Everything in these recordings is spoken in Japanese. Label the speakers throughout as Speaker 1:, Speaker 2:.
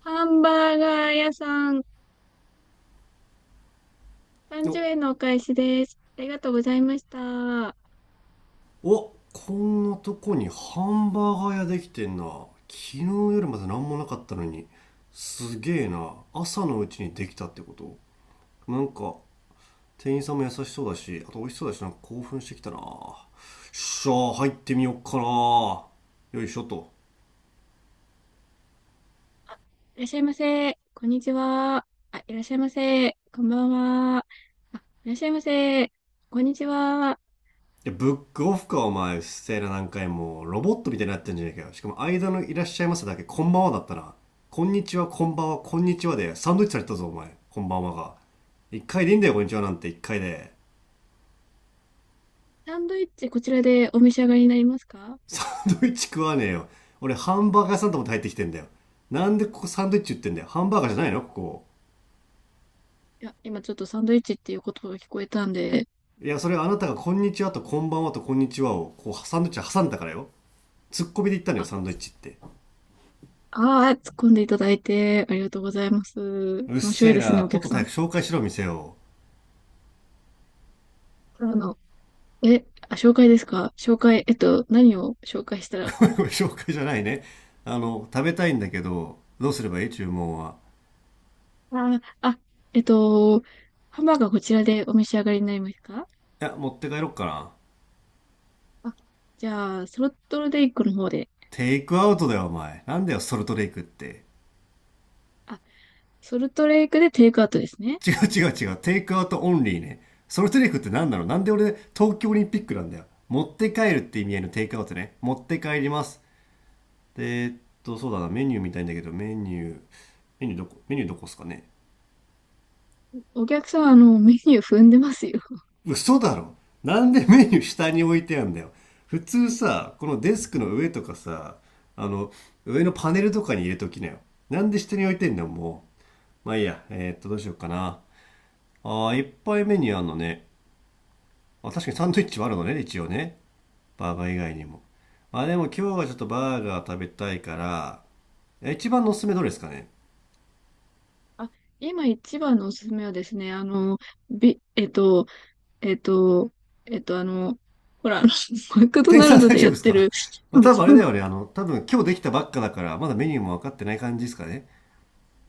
Speaker 1: ハンバーガー屋さん、
Speaker 2: お
Speaker 1: 30円のお返しです。ありがとうございました。
Speaker 2: お、こんなとこにハンバーガー屋できてんな。昨日夜まで何もなかったのに。すげえな、朝のうちにできたってこと。なんか店員さんも優しそうだし、あと美味しそうだし、なんか興奮してきたな、よっしゃー、入ってみよっかな。よいしょと。
Speaker 1: いらっしゃいませ。こんにちは。あ、いらっしゃいませ。こんばんは。あ、いらっしゃいませ。こんにちは。
Speaker 2: で、ブックオフかお前。うっせえな、何回もロボットみたいになってんじゃねえかよ。しかも間の「いらっしゃいませ」だけ「こんばんは」だったな。「こんにちはこんばんはこんにちは」でサンドイッチされたぞお前、「こんばんは」が一回でいいんだよ。「こんにちは」なんて一回で。
Speaker 1: サンドイッチ、こちらでお召し上がりになりますか？
Speaker 2: サンドイッチ食わねえよ。俺ハンバーガー屋さんと思って入ってきてんだよ。なんでここサンドイッチ売ってんだよ。ハンバーガーじゃないのここ？
Speaker 1: いや、今ちょっとサンドイッチっていう言葉が聞こえたんで。
Speaker 2: いや、それあなたが「こんにちは」と「こんばんは」と「こんにちは」をこうサンドイッチ挟んだからよ。ツッコミで言ったのよ、
Speaker 1: あ、
Speaker 2: サンドイッチって。
Speaker 1: あー突っ込んでいただいてありがとうございます。
Speaker 2: うっ
Speaker 1: 面白
Speaker 2: せ
Speaker 1: い
Speaker 2: え
Speaker 1: ですね、
Speaker 2: な、
Speaker 1: お
Speaker 2: とっと
Speaker 1: 客
Speaker 2: と
Speaker 1: さ
Speaker 2: 早
Speaker 1: ん。
Speaker 2: く紹介しろ店を。
Speaker 1: あの、紹介ですか？紹介、何を紹介したら。
Speaker 2: これ紹介じゃないね。食べたいんだけど、どうすればいい、注文は？
Speaker 1: あ、あ、えっと、ハンバーガーこちらでお召し上がりになりますか？
Speaker 2: いや、持って帰ろっかな。
Speaker 1: あ、じゃあ、ソルトレイクの方で。
Speaker 2: テイクアウトだよお前。なんだよソルトレイクって。
Speaker 1: あ、ソルトレイクでテイクアウトですね。
Speaker 2: 違う違う違う、テイクアウトオンリーね。ソルトレイクって何なの。なんで俺東京オリンピックなんだよ。持って帰るって意味合いのテイクアウトね、持って帰ります。でそうだな、メニュー見たいんだけど、メニュー、メニューどこ、メニューどこっすかね？
Speaker 1: お客さん、メニュー踏んでますよ。
Speaker 2: 嘘だろ。なんでメニュー下に置いてあんだよ。普通さ、このデスクの上とかさ、あの上のパネルとかに入れときなよ。なんで下に置いてんだよ、もう。まあいいや、どうしようかな。あー、いっぱいメニューあんのね。あ、確かにサンドイッチもあるのね、一応ね。バーガー以外にも。まあ、でも今日はちょっとバーガー食べたいから。え、一番のおすすめどれですかね？
Speaker 1: あ、今一番のおすすめはですね、あの、ビ、えっと、えっと、えっと、あの、ほら、マクド
Speaker 2: 店員
Speaker 1: ナ
Speaker 2: さん、
Speaker 1: ル ド
Speaker 2: 大
Speaker 1: で
Speaker 2: 丈
Speaker 1: や
Speaker 2: 夫
Speaker 1: っ
Speaker 2: です
Speaker 1: て
Speaker 2: か？
Speaker 1: る、
Speaker 2: ま
Speaker 1: あ
Speaker 2: あ
Speaker 1: の
Speaker 2: 多分あ
Speaker 1: そ
Speaker 2: れ
Speaker 1: の
Speaker 2: だよね、多分今日できたばっかだからまだメニューも分かってない感じですかね？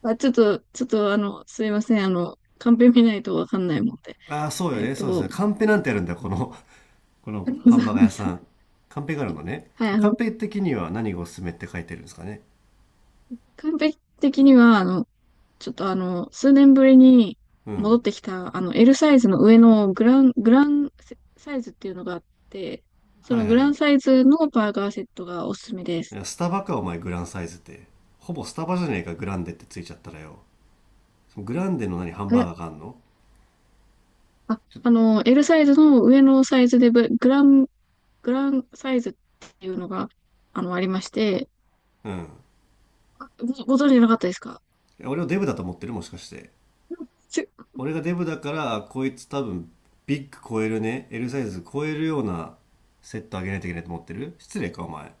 Speaker 1: あ、ちょっと、ちょっと、あの、すいません、カンペ見ないとわかんないもんで。
Speaker 2: ああ、そうよ
Speaker 1: えっ
Speaker 2: ね。そうですね。
Speaker 1: と、
Speaker 2: カンペなんてあるんだ、この、このハンバーガー屋 さん。カンペがあるのね。
Speaker 1: はい、
Speaker 2: で、カンペ的には何がおすすめって書いてるんですかね。
Speaker 1: 完璧的には、あの、ちょっとあの、数年ぶりに
Speaker 2: う
Speaker 1: 戻
Speaker 2: ん。
Speaker 1: ってきた、L サイズの上のグランサイズっていうのがあって、そ
Speaker 2: はい
Speaker 1: の
Speaker 2: は
Speaker 1: グ
Speaker 2: いは
Speaker 1: ラン
Speaker 2: い。
Speaker 1: サイズのバーガーセットがおすすめで
Speaker 2: い
Speaker 1: す。
Speaker 2: や、スタバか、お前、グランサイズって。ほぼスタバじゃねえか、グランデってついちゃったらよ。そのグランデの何、ハンバーガー
Speaker 1: え、
Speaker 2: があんの？
Speaker 1: あ、
Speaker 2: ちょ
Speaker 1: あの、L サイズの上のサイズでブ、グラン、グランサイズっていうのが、ありまして。
Speaker 2: うん。い
Speaker 1: あ、ご、ご存知なかったですか？
Speaker 2: や、俺をデブだと思ってるもしかして。
Speaker 1: ちょ
Speaker 2: 俺がデブだから、あこいつ多分、ビッグ超えるね。L サイズ超えるようなセットあげないといけないと思ってる、失礼か、お前。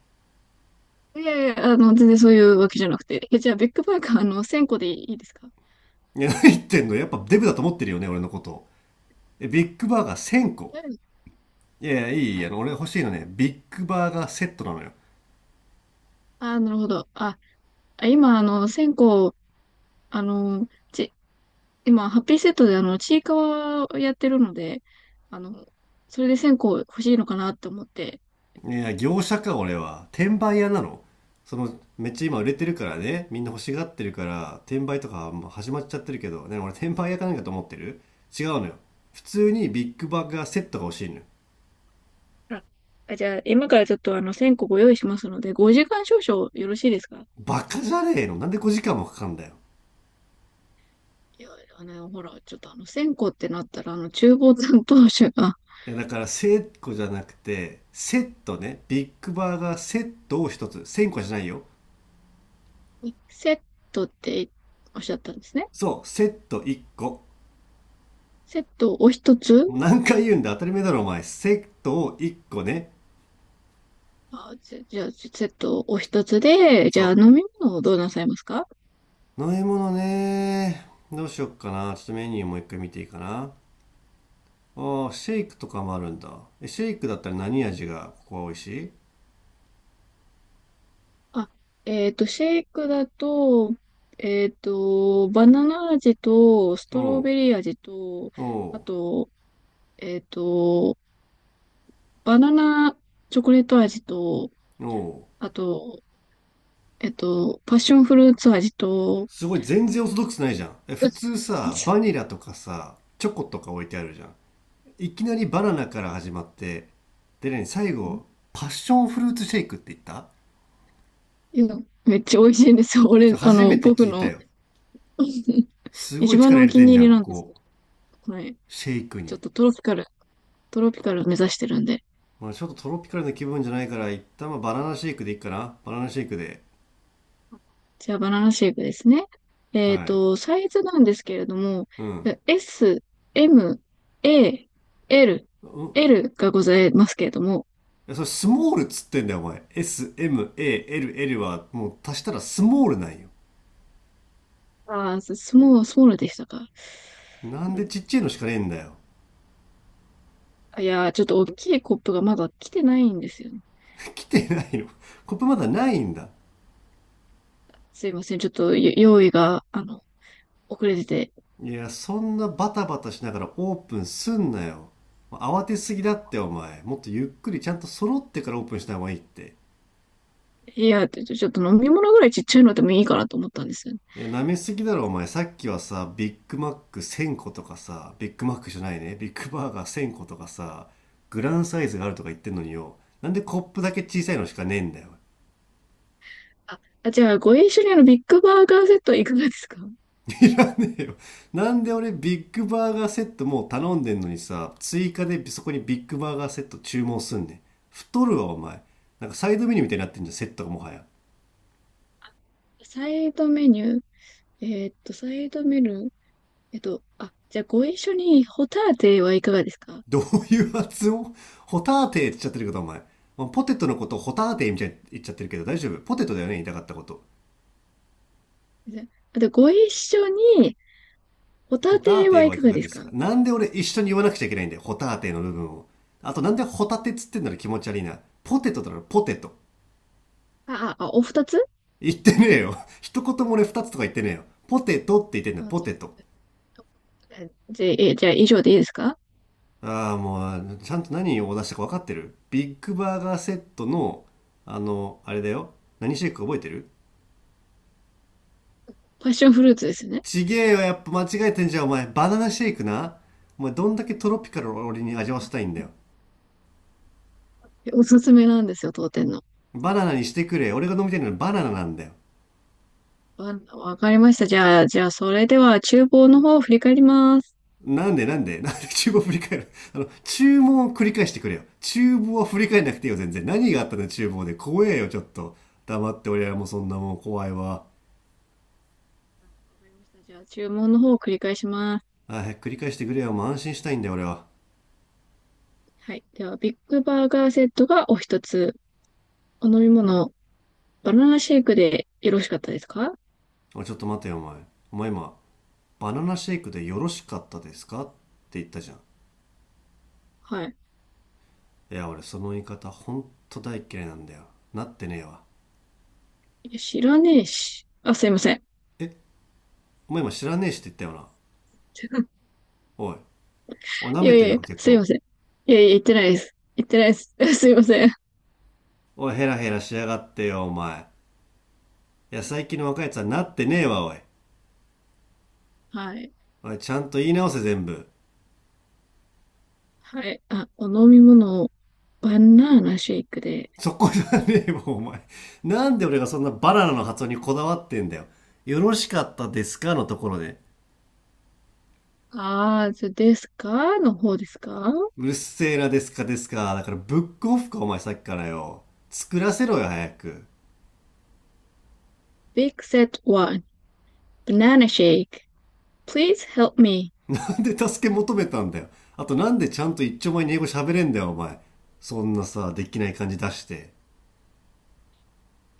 Speaker 1: いやいや、全然そういうわけじゃなくて。え、じゃあ、ビッグバーガー、1000個でいいですか？
Speaker 2: いや、何言ってんの、やっぱデブだと思ってるよね、俺のこと。ビッグバーガー1,000個。
Speaker 1: うん、
Speaker 2: いやいや、いいい
Speaker 1: は
Speaker 2: い、
Speaker 1: い。
Speaker 2: 俺欲しいのね、ビッグバーガーセットなのよ。
Speaker 1: あー、なるほど。あ、あ今、あの、線香、あの、ち、今、ハッピーセットで、ちいかわをやってるので、あの、それで線香欲しいのかなって思って。
Speaker 2: いや、業者か、俺は。転売屋なの。めっちゃ今売れてるからね、みんな欲しがってるから、転売とかもう始まっちゃってるけど、ね、俺転売屋かなんかと思ってる？違うのよ。普通にビッグバーガーセットが欲しいのよ。
Speaker 1: あ、あじゃあ、今からちょっと、線香ご用意しますので、5時間少々よろしいですか？
Speaker 2: バカじゃねえの、なんで5時間もかかんだよ。
Speaker 1: いや、ほら、ちょっと、あの、線香ってなったら、厨房担当者が。
Speaker 2: いや、だから1,000個じゃなくて、セットね。ビッグバーガーセットを1つ。1,000個じゃないよ。
Speaker 1: セットっておっしゃったんですね。
Speaker 2: そう、セット1個。
Speaker 1: セットお一つ。
Speaker 2: もう何回言うんだ、当たり前だろお前。セットを1個ね。
Speaker 1: あ、じゃじゃあ、セットお一つで、じゃあ、
Speaker 2: そ
Speaker 1: 飲み物をどうなさいますか？
Speaker 2: う。飲み物ね。どうしよっかな。ちょっとメニューもう一回見ていいかな。ああ、シェイクとかもあるんだ。え、シェイクだったら何味がここは美味しい？
Speaker 1: あ、シェイクだと、バナナ味と、ストロ
Speaker 2: おう、
Speaker 1: ベリー味と、あ
Speaker 2: お
Speaker 1: と、えっと、バナナチョコレート味と、
Speaker 2: う、おう。
Speaker 1: あと、パッションフルーツ味と。
Speaker 2: すごい全然オーソドックスないじゃん。え、普 通
Speaker 1: い
Speaker 2: さ、バニラとかさ、チョコとか置いてあるじゃん。いきなりバナナから始まって、でね、最後、パッションフルーツシェイクって言った？
Speaker 1: や、めっちゃ美味しいんですよ。俺、
Speaker 2: 初めて
Speaker 1: 僕
Speaker 2: 聞いた
Speaker 1: の
Speaker 2: よ。すご
Speaker 1: 一
Speaker 2: い
Speaker 1: 番
Speaker 2: 力
Speaker 1: の
Speaker 2: 入
Speaker 1: お
Speaker 2: れ
Speaker 1: 気
Speaker 2: てん
Speaker 1: に
Speaker 2: じゃ
Speaker 1: 入
Speaker 2: ん、
Speaker 1: り
Speaker 2: こ
Speaker 1: なんですけ
Speaker 2: こ。
Speaker 1: ど、はい。
Speaker 2: シェイク
Speaker 1: ちょっ
Speaker 2: に。
Speaker 1: とトロピカル目指してるんで。
Speaker 2: まあ、ちょっとトロピカルな気分じゃないから、一旦まあバナナシェイクでいいかな。バナナシェイクで。
Speaker 1: じゃあ、バナナシェイクですね。
Speaker 2: はい。
Speaker 1: サイズなんですけれども、
Speaker 2: うん。
Speaker 1: え、 S、M、A、L、
Speaker 2: うん。
Speaker 1: L がございますけれども。
Speaker 2: いや、それスモールっつってんだよ、お前。S、M、A、L、L は、もう足したらスモールなんよ。
Speaker 1: そうでしたか。
Speaker 2: なん
Speaker 1: う
Speaker 2: で
Speaker 1: ん、
Speaker 2: ちっちゃいのしかねえんだよ。
Speaker 1: いやー、ちょっと大きいコップがまだ来てないんですよね。
Speaker 2: 来てないの。コップまだないんだ。
Speaker 1: すいません、ちょっとよ用意が、遅れてて。
Speaker 2: いや、そんなバタバタしながらオープンすんなよ。慌てすぎだって、お前。もっとゆっくりちゃんと揃ってからオープンした方がいいって。
Speaker 1: いや、ちょっと飲み物ぐらいちっちゃいのでもいいかなと思ったんですよね。
Speaker 2: いや、舐めすぎだろ、お前。さっきはさ、ビッグマック1,000個とかさ、ビッグマックじゃないね、ビッグバーガー1,000個とかさ、グランサイズがあるとか言ってんのによ、なんでコップだけ小さいのしかねえんだよ。
Speaker 1: あ、あじゃあ、ご一緒にビッグバーガーセットいかがですか？
Speaker 2: いらねえよ。なんで俺ビッグバーガーセットもう頼んでんのにさ、追加でそこにビッグバーガーセット注文すんねん。太るわ、お前。なんかサイドメニューみたいになってんじゃん、セットがもはや。
Speaker 1: サイドメニュー。えーっと、サイドメニュー、あ、じゃあご一緒にホタテはいかがですか？
Speaker 2: どういう発音？ホターテーって言っちゃってるけど、お前。ポテトのことをホターテーみたいに言っちゃってるけど、大丈夫？ポテトだよね、言いたかったこと。
Speaker 1: じゃあ、あとご一緒にホ
Speaker 2: ホ
Speaker 1: タ
Speaker 2: タ
Speaker 1: テは
Speaker 2: テ
Speaker 1: い
Speaker 2: はい
Speaker 1: か
Speaker 2: か
Speaker 1: が
Speaker 2: が
Speaker 1: で
Speaker 2: で
Speaker 1: す
Speaker 2: す
Speaker 1: か？
Speaker 2: か、なんで俺一緒に言わなくちゃいけないんだよ、ホタテの部分を。あとなんでホタテっつってんだろ、気持ち悪いな。ポテトだろポテト。
Speaker 1: お二つ。
Speaker 2: 言ってねえよ。一言も俺二つとか言ってねえよ。ポテトって言ってんだ
Speaker 1: あ、
Speaker 2: ポ
Speaker 1: そう。
Speaker 2: テト。
Speaker 1: じゃあ、えじゃあ以上でいいですか？
Speaker 2: ああ、もう、ちゃんと何を出したか分かってる？ビッグバーガーセットの、あれだよ。何シェイク覚えてる？
Speaker 1: パッションフルーツですよね。
Speaker 2: ちげえよ、やっぱ間違えてんじゃん、お前。バナナシェイクな。お前、どんだけトロピカルを俺に味わせたいんだよ。
Speaker 1: え、おすすめなんですよ、当店の。
Speaker 2: バナナにしてくれ。俺が飲みたいのはバナナなんだよ。
Speaker 1: わかりました。じゃあ、それでは厨房の方を振り返ります。
Speaker 2: なんでなんで なんで厨房振り返る？ 注文を繰り返してくれよ。厨房は振り返んなくていいよ、全然。何があったの厨房で。怖えよ、ちょっと。黙って俺らもそんなもん怖いわ。
Speaker 1: わかりました。じゃあ、注文の方を繰り返します。
Speaker 2: あー、繰り返してくれよ。もう安心したいんだよ、俺は。
Speaker 1: はい。では、ビッグバーガーセットがお一つ。お飲み物、バナナシェイクでよろしかったですか？
Speaker 2: おい、ちょっと待てよ、お前。お前今、バナナシェイクでよろしかったですかって言ったじゃん。
Speaker 1: はい。
Speaker 2: いや、俺その言い方ほんと大嫌いなんだよ。なってねえわ。
Speaker 1: いや、知らねえし。あ、すいません。
Speaker 2: え、お前今知らねえしって言ったよな。おい。おい、舐
Speaker 1: い
Speaker 2: め
Speaker 1: やい
Speaker 2: て
Speaker 1: や
Speaker 2: ん
Speaker 1: い
Speaker 2: の
Speaker 1: や、
Speaker 2: か、
Speaker 1: す
Speaker 2: 客
Speaker 1: いま
Speaker 2: を。
Speaker 1: せん。いやいや、言ってないです。言ってないです。すいません。
Speaker 2: おい、ヘラヘラしやがってよ、お前。いや、最近の若いやつはなってねえわ、おい。
Speaker 1: はい。
Speaker 2: おい、ちゃんと言い直せ全部。
Speaker 1: はい。あ、お飲み物をバナナシェイクで。
Speaker 2: そこじゃねえもん、お前。なんで俺がそんなバナナの発音にこだわってんだよ。よろしかったですかのところで。
Speaker 1: あーずですかの方ですか
Speaker 2: うるせえな、ですかですか。だからブックオフか、お前さっきからよ。作らせろよ、早く。
Speaker 1: ?Big Set one、Banana Shake. Please help me.
Speaker 2: なんで助け求めたんだよ。あとなんでちゃんと一丁前に英語喋れんだよ、お前。そんなさ、できない感じ出して。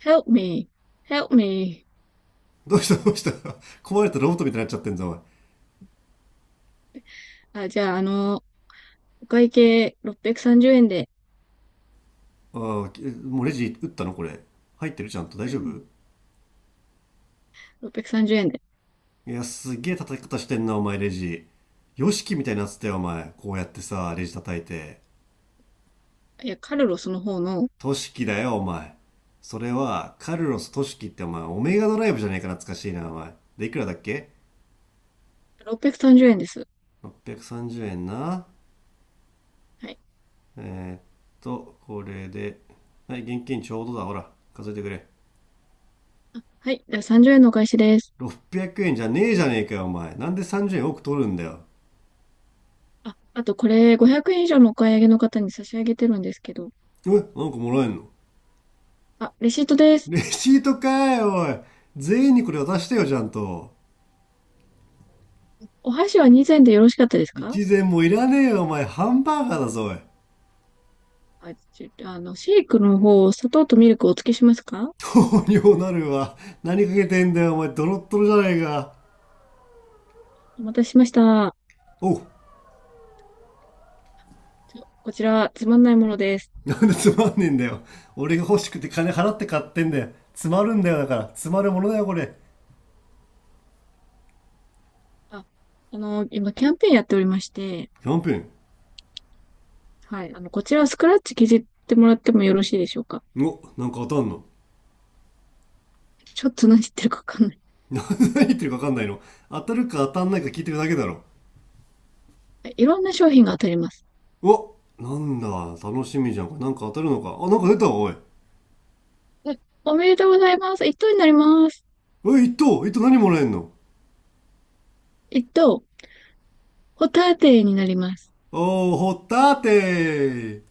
Speaker 1: Help me. Help me.
Speaker 2: どうしたどうした？ 壊れたロボットみたいになっちゃってんぞ、お前。
Speaker 1: あ、じゃあ、あの、お会計630円で。
Speaker 2: ああ、もうレジ打ったのこれ？入ってる？ちゃんと大
Speaker 1: う
Speaker 2: 丈夫？
Speaker 1: ん、630円で。
Speaker 2: いや、すげえ叩き方してんな、お前、レジ。ヨシキみたいになってたよ、お前。こうやってさ、レジ叩いて。
Speaker 1: いや、カルロスの方の。
Speaker 2: トシキだよ、お前。それは、カルロス・トシキってお前、オメガドライブじゃねえか、懐かしいな、お前。で、いくらだっけ
Speaker 1: 630円です。
Speaker 2: ?630 円な。
Speaker 1: はい。
Speaker 2: えーっこれで。はい、現金ちょうどだ、ほら。数えてくれ。
Speaker 1: あ、はい。では30円のお返しです。
Speaker 2: 600円じゃねえじゃねえかよ、お前。なんで30円多く取るんだよ。
Speaker 1: あ、あとこれ500円以上のお買い上げの方に差し上げてるんですけど。
Speaker 2: え、なんかもらえんの？
Speaker 1: あ、レシートです。
Speaker 2: レシートかい、おい。全員にこれ渡してよ、ちゃんと。
Speaker 1: お箸は2膳でよろしかったですか？
Speaker 2: 一膳もいらねえよ、お前。ハンバーガーだぞ、おい。
Speaker 1: あ、ちあの、シェイクの方、砂糖とミルクをお付けしますか？
Speaker 2: 糖尿なるわ。何かけてんだよ、お前。ドロッドロじゃねえか。
Speaker 1: お待たせしました。
Speaker 2: おう。
Speaker 1: こちら、つまんないものです。
Speaker 2: なんでつまんねえんだよ。俺が欲しくて金払って買ってんだよ。詰まるんだよ、だから。詰まるものだよ、これ。
Speaker 1: あ、今キャンペーンやっておりまして、
Speaker 2: キャンペーン。
Speaker 1: はい。こちらはスクラッチ削ってもらってもよろしいでしょうか？
Speaker 2: お、なんか当たんの？
Speaker 1: ちょっと何言ってるかわかんない。
Speaker 2: 何言ってるか分かんないの？当たるか当たんないか聞いてるだけだろ。
Speaker 1: はい、いろんな商品が当たります。
Speaker 2: お、なんだ、楽しみじゃん。これなんか当たるのか。あ、なんか出たわ、おい。
Speaker 1: はい、おめでとうございます。一等になります。
Speaker 2: おい、一等、一等何もらえんの？
Speaker 1: 一等。ホタテになります。
Speaker 2: おー、ほったーてー。